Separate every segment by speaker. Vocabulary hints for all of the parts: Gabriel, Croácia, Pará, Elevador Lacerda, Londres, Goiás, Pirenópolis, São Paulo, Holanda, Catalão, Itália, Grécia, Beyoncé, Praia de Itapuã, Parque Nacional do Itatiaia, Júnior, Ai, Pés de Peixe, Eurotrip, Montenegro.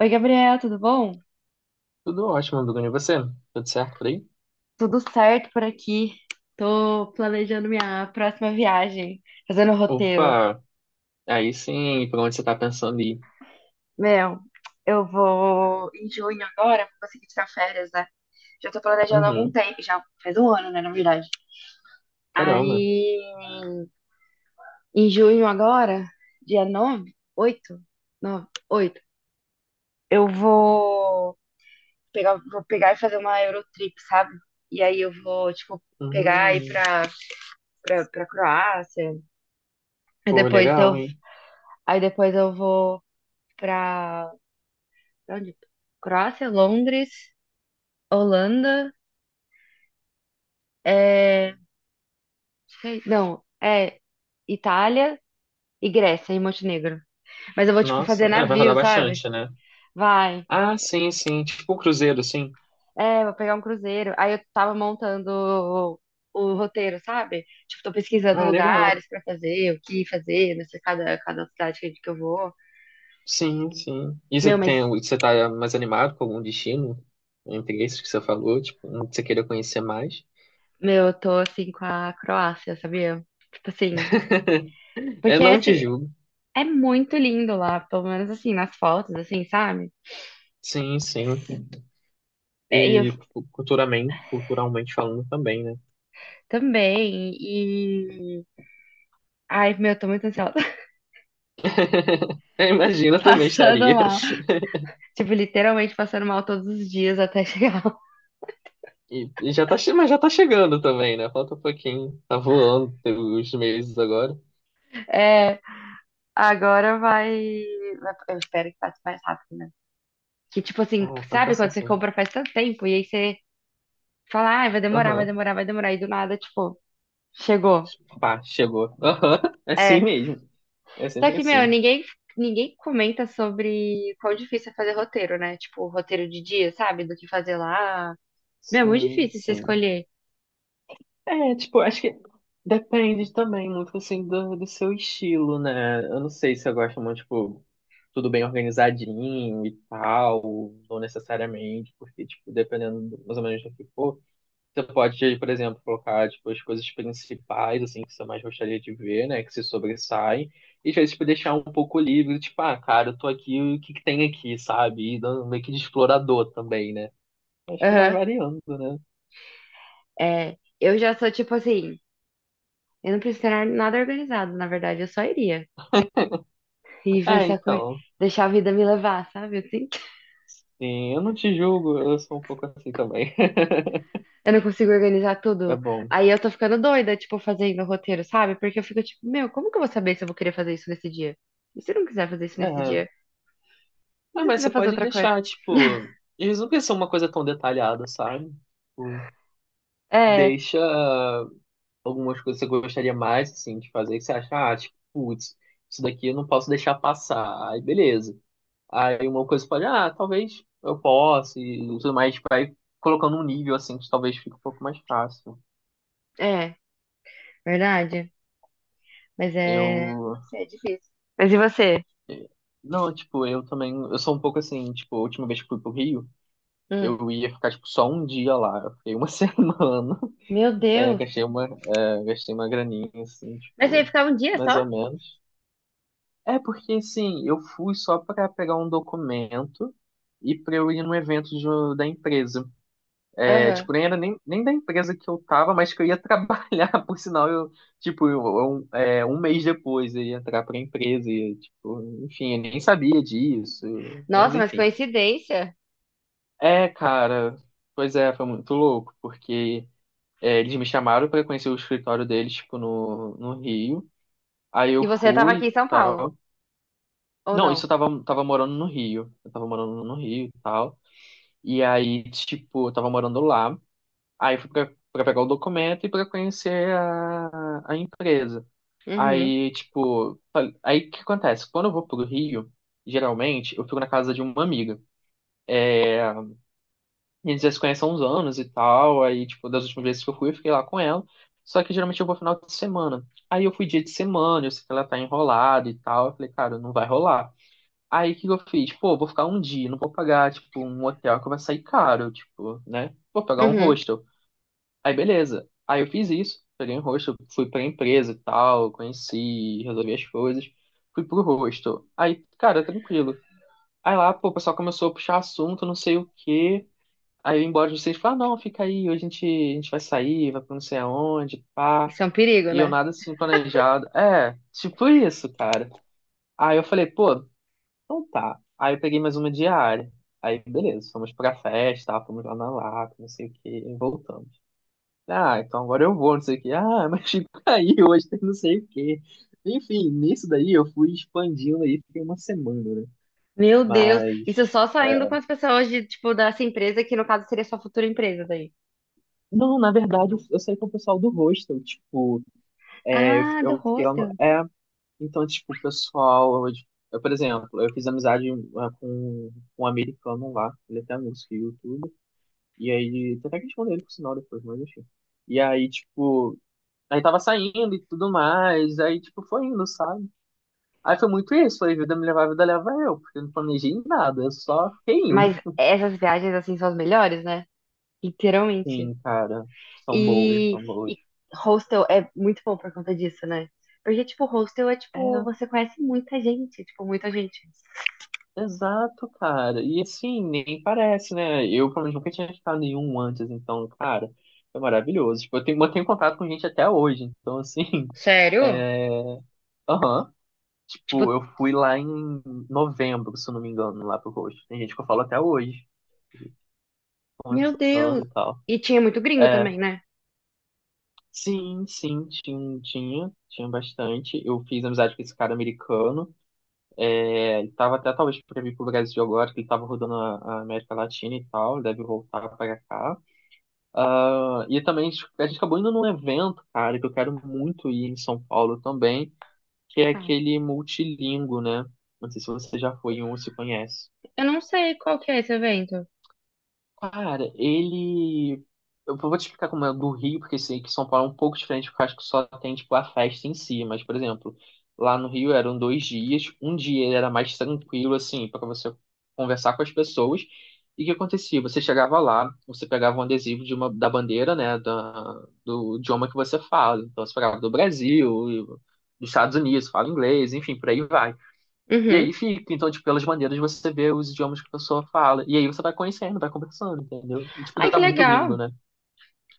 Speaker 1: Oi, Gabriel, tudo bom?
Speaker 2: Tudo ótimo, Bruno. E você? Tudo certo por aí?
Speaker 1: Tudo certo por aqui. Tô planejando minha próxima viagem, fazendo o roteiro.
Speaker 2: Opa, aí sim, por onde você tá pensando em ir?
Speaker 1: Meu, eu vou em junho agora, vou conseguir tirar férias, né? Já tô planejando há algum
Speaker 2: Uhum,
Speaker 1: tempo, já faz um ano, né, na verdade.
Speaker 2: caramba.
Speaker 1: Aí, em junho agora, dia 9, 8, 9, 8, eu vou pegar e fazer uma Eurotrip, sabe? E aí eu vou, tipo, pegar e ir
Speaker 2: Uhum,
Speaker 1: pra Croácia. Aí
Speaker 2: pô,
Speaker 1: depois
Speaker 2: legal,
Speaker 1: eu,
Speaker 2: hein?
Speaker 1: aí depois eu vou pra, pra onde? Croácia, Londres, Holanda, é, sei- não, é Itália e Grécia e Montenegro. Mas eu vou, tipo,
Speaker 2: Nossa,
Speaker 1: fazer
Speaker 2: é, vai rodar
Speaker 1: navio, sabe?
Speaker 2: bastante, né?
Speaker 1: Vai.
Speaker 2: Ah, sim, sim, tipo um cruzeiro, sim.
Speaker 1: É, vou pegar um cruzeiro. Aí eu tava montando o roteiro, sabe? Tipo, tô pesquisando
Speaker 2: Ah, legal.
Speaker 1: lugares pra fazer, o que fazer, não sei, cada cidade que eu vou.
Speaker 2: Sim, sim. E
Speaker 1: Meu, mas,
Speaker 2: você tá mais animado com algum destino? Entre esses que você falou, tipo, um que você queira conhecer mais?
Speaker 1: meu, eu tô assim com a Croácia, sabia? Tipo assim,
Speaker 2: É,
Speaker 1: porque
Speaker 2: não te
Speaker 1: assim,
Speaker 2: julgo.
Speaker 1: é muito lindo lá, pelo menos assim, nas fotos, assim, sabe?
Speaker 2: Sim, sim.
Speaker 1: É, e eu
Speaker 2: E culturalmente falando também, né?
Speaker 1: também, e. Ai, meu, tô muito ansiosa.
Speaker 2: Eu imagino, eu também
Speaker 1: Passando
Speaker 2: estaria.
Speaker 1: mal. Tipo, literalmente passando mal todos os dias até chegar lá.
Speaker 2: E já tá, mas já tá chegando também, né? Falta um pouquinho. Tá voando tem os meses agora.
Speaker 1: É, agora vai. Eu espero que passe mais rápido, né? Que tipo assim,
Speaker 2: Ah, vai
Speaker 1: sabe
Speaker 2: passar
Speaker 1: quando você
Speaker 2: assim.
Speaker 1: compra faz tanto tempo e aí você fala, ah, vai demorar, vai
Speaker 2: Aham.
Speaker 1: demorar, vai demorar, e do nada, tipo, chegou.
Speaker 2: Pá, chegou. Aham. É assim
Speaker 1: É.
Speaker 2: mesmo. É
Speaker 1: Só
Speaker 2: sempre
Speaker 1: que, meu,
Speaker 2: assim.
Speaker 1: ninguém comenta sobre quão difícil é fazer roteiro, né? Tipo, roteiro de dia, sabe? Do que fazer lá. Meu, é muito
Speaker 2: Sim,
Speaker 1: difícil você
Speaker 2: sim.
Speaker 1: escolher.
Speaker 2: É, tipo, acho que depende também muito, assim, do seu estilo, né? Eu não sei se eu gosto muito, tipo, tudo bem organizadinho e tal, não necessariamente, porque, tipo, dependendo mais ou menos do que for. Você pode, por exemplo, colocar tipo, as coisas principais assim que você mais gostaria de ver, né? Que se sobressaem. E às vezes tipo, deixar um pouco livre, tipo, ah, cara, eu tô aqui, o que que tem aqui, sabe? E dando meio que de explorador também, né? Acho que vai
Speaker 1: Aham.
Speaker 2: variando, né?
Speaker 1: É. Eu já sou tipo assim, eu não preciso ter nada organizado, na verdade, eu só iria. E ver
Speaker 2: É,
Speaker 1: se a acor...
Speaker 2: então.
Speaker 1: deixar a vida me levar, sabe? Eu sinto.
Speaker 2: Sim, eu não te julgo, eu sou um pouco assim também.
Speaker 1: Eu não consigo organizar
Speaker 2: É
Speaker 1: tudo.
Speaker 2: bom.
Speaker 1: Aí eu tô ficando doida, tipo, fazendo o roteiro, sabe? Porque eu fico tipo, meu, como que eu vou saber se eu vou querer fazer isso nesse dia? E se eu não quiser fazer isso nesse
Speaker 2: É.
Speaker 1: dia? E
Speaker 2: Ah,
Speaker 1: se eu
Speaker 2: mas você
Speaker 1: quiser fazer
Speaker 2: pode
Speaker 1: outra coisa?
Speaker 2: deixar, tipo. Eles não precisa ser uma coisa tão detalhada, sabe? Tipo,
Speaker 1: É,
Speaker 2: deixa, algumas coisas que você gostaria mais, assim, de fazer, que você acha, ah, tipo, putz, isso daqui eu não posso deixar passar. Aí, beleza. Aí uma coisa pode, ah, talvez eu possa e tudo mais, tipo, vai colocando um nível, assim, que talvez fique um pouco mais fácil.
Speaker 1: é, verdade. Mas é.
Speaker 2: Eu...
Speaker 1: Não sei, é difícil. Mas e você?
Speaker 2: eh, Não, tipo, eu também, eu sou um pouco assim, tipo, a última vez que fui pro Rio,
Speaker 1: Hum.
Speaker 2: eu ia ficar, tipo, só um dia lá. Eu fiquei uma semana,
Speaker 1: Meu
Speaker 2: é,
Speaker 1: Deus.
Speaker 2: gastei uma graninha, assim,
Speaker 1: Mas você ia
Speaker 2: tipo,
Speaker 1: ficar um dia
Speaker 2: mais
Speaker 1: só?
Speaker 2: ou menos. É porque, assim, eu fui só pra pegar um documento e pra eu ir num evento da empresa. É,
Speaker 1: Aham.
Speaker 2: tipo, nem era nem da empresa que eu tava, mas que eu ia trabalhar, por sinal, eu, tipo, um mês depois eu ia entrar pra empresa e, tipo, enfim, eu nem sabia disso, mas
Speaker 1: Nossa, mas
Speaker 2: enfim.
Speaker 1: coincidência.
Speaker 2: É, cara, pois é, foi muito louco, porque é, eles me chamaram pra conhecer o escritório deles, tipo, no Rio. Aí
Speaker 1: E
Speaker 2: eu
Speaker 1: você tava
Speaker 2: fui
Speaker 1: aqui em
Speaker 2: e
Speaker 1: São Paulo,
Speaker 2: tal.
Speaker 1: ou
Speaker 2: Não, isso
Speaker 1: não?
Speaker 2: eu tava morando no Rio. Eu tava morando no Rio e tal. E aí, tipo, eu tava morando lá. Aí eu fui pra pegar o documento e pra conhecer a empresa.
Speaker 1: Uhum.
Speaker 2: Aí, tipo, aí o que acontece? Quando eu vou pro Rio, geralmente, eu fico na casa de uma amiga. E eles já se conhecem há uns anos e tal. Aí, tipo, das últimas vezes que eu fui, eu fiquei lá com ela. Só que geralmente eu vou final de semana. Aí eu fui dia de semana, eu sei que ela tá enrolada e tal. Eu falei, cara, não vai rolar. Aí o que que eu fiz? Pô, vou ficar um dia, não vou pagar, tipo, um hotel que vai sair caro, tipo, né? Vou pagar um
Speaker 1: Uhum.
Speaker 2: hostel. Aí beleza. Aí eu fiz isso, peguei um hostel, fui pra empresa e tal, conheci, resolvi as coisas, fui pro hostel. Aí, cara, tranquilo. Aí lá, pô, o pessoal começou a puxar assunto, não sei o quê. Aí eu ia embora de vocês, falar, não, fica aí, hoje a gente vai sair, vai pra não sei aonde, pá.
Speaker 1: Isso é um perigo,
Speaker 2: E eu
Speaker 1: né?
Speaker 2: nada assim planejado. É, tipo isso, cara. Aí eu falei, pô, então tá. Aí eu peguei mais uma diária. Aí, beleza, fomos pra festa, tá? Fomos lá na Lapa, não sei o quê, e voltamos. Ah, então agora eu vou, não sei o quê. Ah, mas fica aí, hoje tem não sei o quê. Enfim, nisso daí eu fui expandindo aí, fiquei uma semana, né?
Speaker 1: Meu Deus, isso
Speaker 2: Mas.
Speaker 1: só saindo com as pessoas de, tipo, dessa empresa, que no caso seria sua futura empresa daí.
Speaker 2: Não, na verdade, eu saí com o pessoal do hostel, tipo, é,
Speaker 1: Ah, do
Speaker 2: eu fiquei lá no.
Speaker 1: hostel.
Speaker 2: É, então, tipo, o pessoal. Eu, por exemplo, eu fiz amizade é, com um americano lá, ele é até músico e youtuber. E aí, tem até que responder ele por sinal depois, mas enfim. E aí, tipo, aí tava saindo e tudo mais, aí, tipo, foi indo, sabe? Aí foi muito isso, foi vida me levar, vida leva eu, porque eu não planejei nada, eu só fiquei indo.
Speaker 1: Mas essas viagens, assim, são as melhores, né? Literalmente.
Speaker 2: Sim, cara, são boas,
Speaker 1: E,
Speaker 2: são boas.
Speaker 1: e hostel é muito bom por conta disso, né? Porque, tipo, hostel é, tipo,
Speaker 2: É,
Speaker 1: você conhece muita gente, tipo, muita gente.
Speaker 2: exato, cara. E assim, nem parece, né? Eu, pelo menos, nunca tinha ficado nenhum antes, então, cara, foi maravilhoso. Tipo, mantenho contato com gente até hoje, então, assim,
Speaker 1: Sério?
Speaker 2: é. Aham. Tipo,
Speaker 1: Tipo,
Speaker 2: eu fui lá em novembro, se eu não me engano, lá pro Roxo. Tem gente que eu falo até hoje,
Speaker 1: meu
Speaker 2: conversando
Speaker 1: Deus.
Speaker 2: e tal.
Speaker 1: E tinha muito gringo
Speaker 2: É,
Speaker 1: também, né?
Speaker 2: sim, sim, tinha bastante. Eu fiz amizade com esse cara americano. É, ele tava até talvez pra vir pro Brasil agora, que ele tava rodando a América Latina e tal, deve voltar pra cá. Ah, e também a gente acabou indo num evento, cara, que eu quero muito ir em São Paulo também, que é
Speaker 1: Claro.
Speaker 2: aquele multilingo, né? Não sei se você já foi em um, se conhece.
Speaker 1: Eu não sei qual que é esse evento.
Speaker 2: Cara, ele. Eu vou te explicar como é do Rio, porque sei que São Paulo é um pouco diferente, porque eu acho que só tem, tipo, a festa em si. Mas, por exemplo, lá no Rio eram 2 dias. Um dia ele era mais tranquilo, assim, para você conversar com as pessoas. E o que acontecia? Você chegava lá, você pegava um adesivo de uma, da bandeira, né, da, do idioma que você fala. Então, você pegava do Brasil, dos Estados Unidos, fala inglês, enfim, por aí vai. E aí
Speaker 1: Uhum.
Speaker 2: fica, então, tipo, pelas maneiras você vê os idiomas que a pessoa fala. E aí você vai conhecendo, vai conversando, entendeu? E, tipo,
Speaker 1: Ai,
Speaker 2: dá
Speaker 1: que
Speaker 2: muito gringo,
Speaker 1: legal.
Speaker 2: né?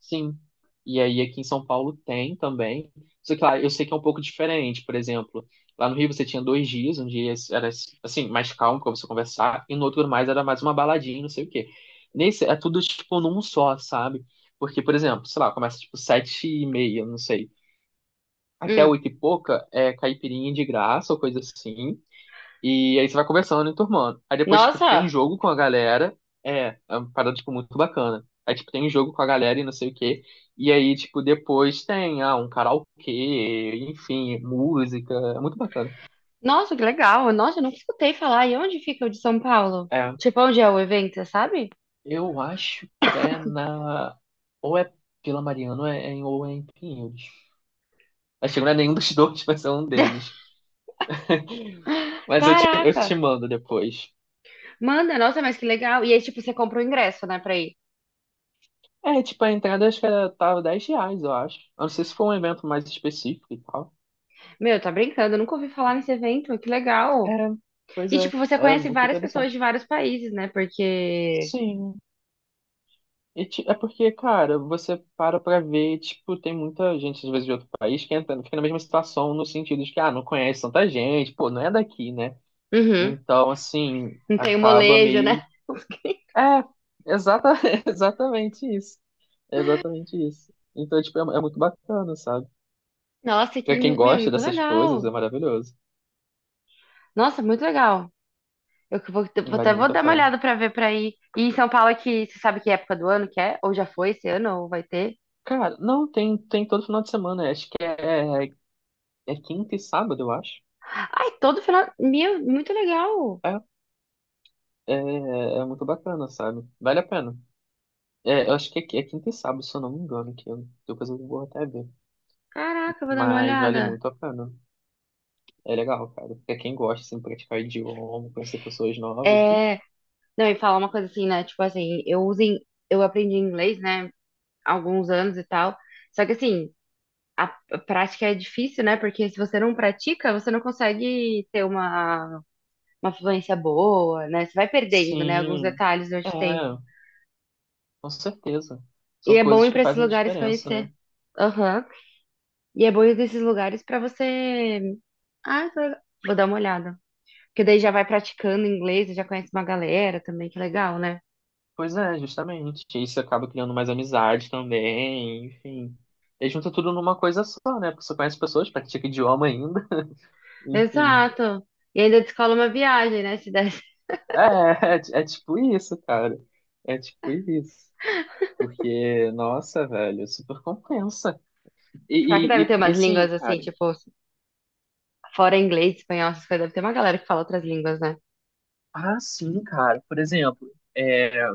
Speaker 2: Sim. E aí aqui em São Paulo tem também. Só que lá eu sei que é um pouco diferente, por exemplo. Lá no Rio você tinha 2 dias, um dia era, assim, mais calmo pra você conversar, e no outro mais era mais uma baladinha, não sei o quê. Nesse é tudo, tipo, num só, sabe? Porque, por exemplo, sei lá, começa, tipo, 7:30, não sei. Até
Speaker 1: Hum.
Speaker 2: oito e pouca é caipirinha de graça ou coisa assim. E aí você vai conversando e turmando. Aí depois, tipo, tem
Speaker 1: Nossa,
Speaker 2: jogo com a galera. É uma parada, tipo, muito bacana. Aí, tipo, tem jogo com a galera e não sei o quê. E aí, tipo, depois tem, ah, um karaokê, enfim, música. É muito bacana.
Speaker 1: nossa, que legal. Nossa, eu nunca escutei falar. E onde fica o de São Paulo?
Speaker 2: É,
Speaker 1: Tipo, onde é o evento, você sabe?
Speaker 2: eu acho que é na... Ou é Vila Mariana ou ou é em Pinheiros. Acho que não é nenhum dos dois, mas é um deles. Mas eu te
Speaker 1: Caraca,
Speaker 2: mando depois.
Speaker 1: manda, nossa, mas que legal. E aí, tipo, você compra o ingresso, né, pra ir.
Speaker 2: É, tipo, a entrada acho que tava R$ 10, eu acho. Eu não sei se foi um evento mais específico e tal.
Speaker 1: Meu, tá brincando, eu nunca ouvi falar nesse evento, que
Speaker 2: É,
Speaker 1: legal.
Speaker 2: pois
Speaker 1: E,
Speaker 2: é,
Speaker 1: tipo, você
Speaker 2: é
Speaker 1: conhece
Speaker 2: muito
Speaker 1: várias pessoas de
Speaker 2: interessante.
Speaker 1: vários países, né, porque...
Speaker 2: Sim, e, é porque, cara, você para pra ver, tipo, tem muita gente, às vezes, de outro país que entra, fica na mesma situação, no sentido de que, ah, não conhece tanta gente, pô, não é daqui, né?
Speaker 1: Uhum,
Speaker 2: Então, assim,
Speaker 1: não tem o
Speaker 2: acaba
Speaker 1: molejo, né?
Speaker 2: meio. É, exata... exatamente isso. É exatamente isso. Então, tipo, é muito bacana, sabe?
Speaker 1: Nossa, que,
Speaker 2: Pra quem
Speaker 1: meu,
Speaker 2: gosta
Speaker 1: muito
Speaker 2: dessas coisas,
Speaker 1: legal.
Speaker 2: é maravilhoso.
Speaker 1: Nossa, muito legal. Eu que
Speaker 2: Vale
Speaker 1: vou
Speaker 2: muito a
Speaker 1: dar uma
Speaker 2: pena.
Speaker 1: olhada pra ver pra ir. E em São Paulo, é que você sabe que época do ano que é? Ou já foi esse ano, ou vai ter?
Speaker 2: Cara, não, tem todo final de semana, acho que é quinta e sábado, eu acho.
Speaker 1: Ai, todo final. Meu, muito legal.
Speaker 2: É, é muito bacana, sabe? Vale a pena. É, eu acho que é quinta e sábado, se eu não me engano, depois eu vou até ver.
Speaker 1: Caraca, eu vou dar uma
Speaker 2: Mas vale
Speaker 1: olhada.
Speaker 2: muito a pena. É legal, cara. Pra quem gosta, assim, praticar idioma, conhecer pessoas novas,
Speaker 1: É.
Speaker 2: bicho.
Speaker 1: Não, e falar uma coisa assim, né? Tipo assim, eu uso em... eu aprendi inglês, né? Há alguns anos e tal. Só que assim, a a prática é difícil, né? Porque se você não pratica, você não consegue ter uma fluência boa, né? Você vai perdendo, né? Alguns
Speaker 2: Sim,
Speaker 1: detalhes
Speaker 2: é,
Speaker 1: durante o tempo.
Speaker 2: com certeza.
Speaker 1: E
Speaker 2: São
Speaker 1: é bom
Speaker 2: coisas
Speaker 1: ir
Speaker 2: que
Speaker 1: pra esses
Speaker 2: fazem
Speaker 1: lugares
Speaker 2: diferença, né?
Speaker 1: conhecer. Aham. E é bom ir nesses lugares pra você. Ah, tô- Vou dar uma olhada. Porque daí já vai praticando inglês, e já conhece uma galera também, que legal, né?
Speaker 2: Pois é, justamente. Isso acaba criando mais amizade também, enfim. E junta tudo numa coisa só, né? Porque você conhece pessoas, pratica idioma ainda, enfim.
Speaker 1: Exato. E ainda descola uma viagem, né? Se desse.
Speaker 2: É, é tipo isso, cara. É tipo isso. Porque, nossa, velho, é super compensa.
Speaker 1: Será que deve
Speaker 2: E,
Speaker 1: ter
Speaker 2: e, e
Speaker 1: umas
Speaker 2: assim,
Speaker 1: línguas assim,
Speaker 2: cara.
Speaker 1: tipo, fora inglês, espanhol, essas coisas? Deve ter uma galera que fala outras línguas, né?
Speaker 2: Ah, sim, cara. Por exemplo, é,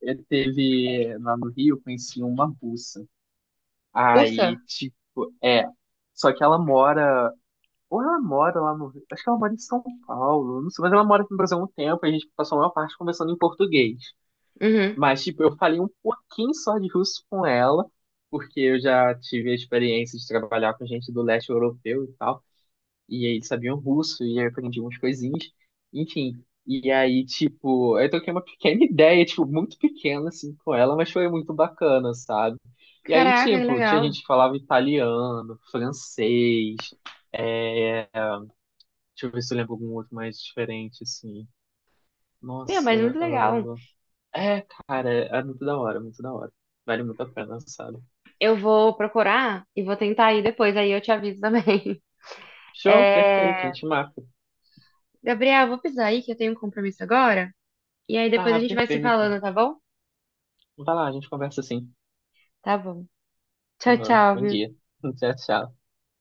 Speaker 2: eu teve lá no Rio, eu conheci uma russa.
Speaker 1: Russa?
Speaker 2: Aí, tipo, é. Só que ela mora. Ou ela mora lá no Rio. Acho que ela mora em São Paulo. Não sei, mas ela mora aqui no Brasil há um tempo. E a gente passou a maior parte conversando em português.
Speaker 1: Uhum.
Speaker 2: Mas, tipo, eu falei um pouquinho só de russo com ela, porque eu já tive a experiência de trabalhar com gente do leste europeu e tal, e aí eles sabiam russo, e aí eu aprendi umas coisinhas, enfim. E aí, tipo, eu troquei uma pequena ideia, tipo, muito pequena, assim, com ela, mas foi muito bacana, sabe? E aí,
Speaker 1: Caraca, que
Speaker 2: tipo, tinha
Speaker 1: legal.
Speaker 2: gente que falava italiano, francês, é... deixa eu ver se eu lembro algum outro mais diferente, assim.
Speaker 1: Meu,
Speaker 2: Nossa,
Speaker 1: mas muito legal.
Speaker 2: ah, é, cara, é muito da hora, muito da hora. Vale muito a pena, sabe?
Speaker 1: Eu vou procurar e vou tentar ir depois, aí eu te aviso também.
Speaker 2: Show, perfeito, a
Speaker 1: É...
Speaker 2: gente marca.
Speaker 1: Gabriel, vou precisar aí que eu tenho um compromisso agora. E aí depois a
Speaker 2: Tá,
Speaker 1: gente vai se
Speaker 2: perfeito.
Speaker 1: falando, tá bom?
Speaker 2: Vai lá, a gente conversa assim.
Speaker 1: Tá bom. Tchau, tchau,
Speaker 2: Bom
Speaker 1: viu?
Speaker 2: dia. Tchau, tchau.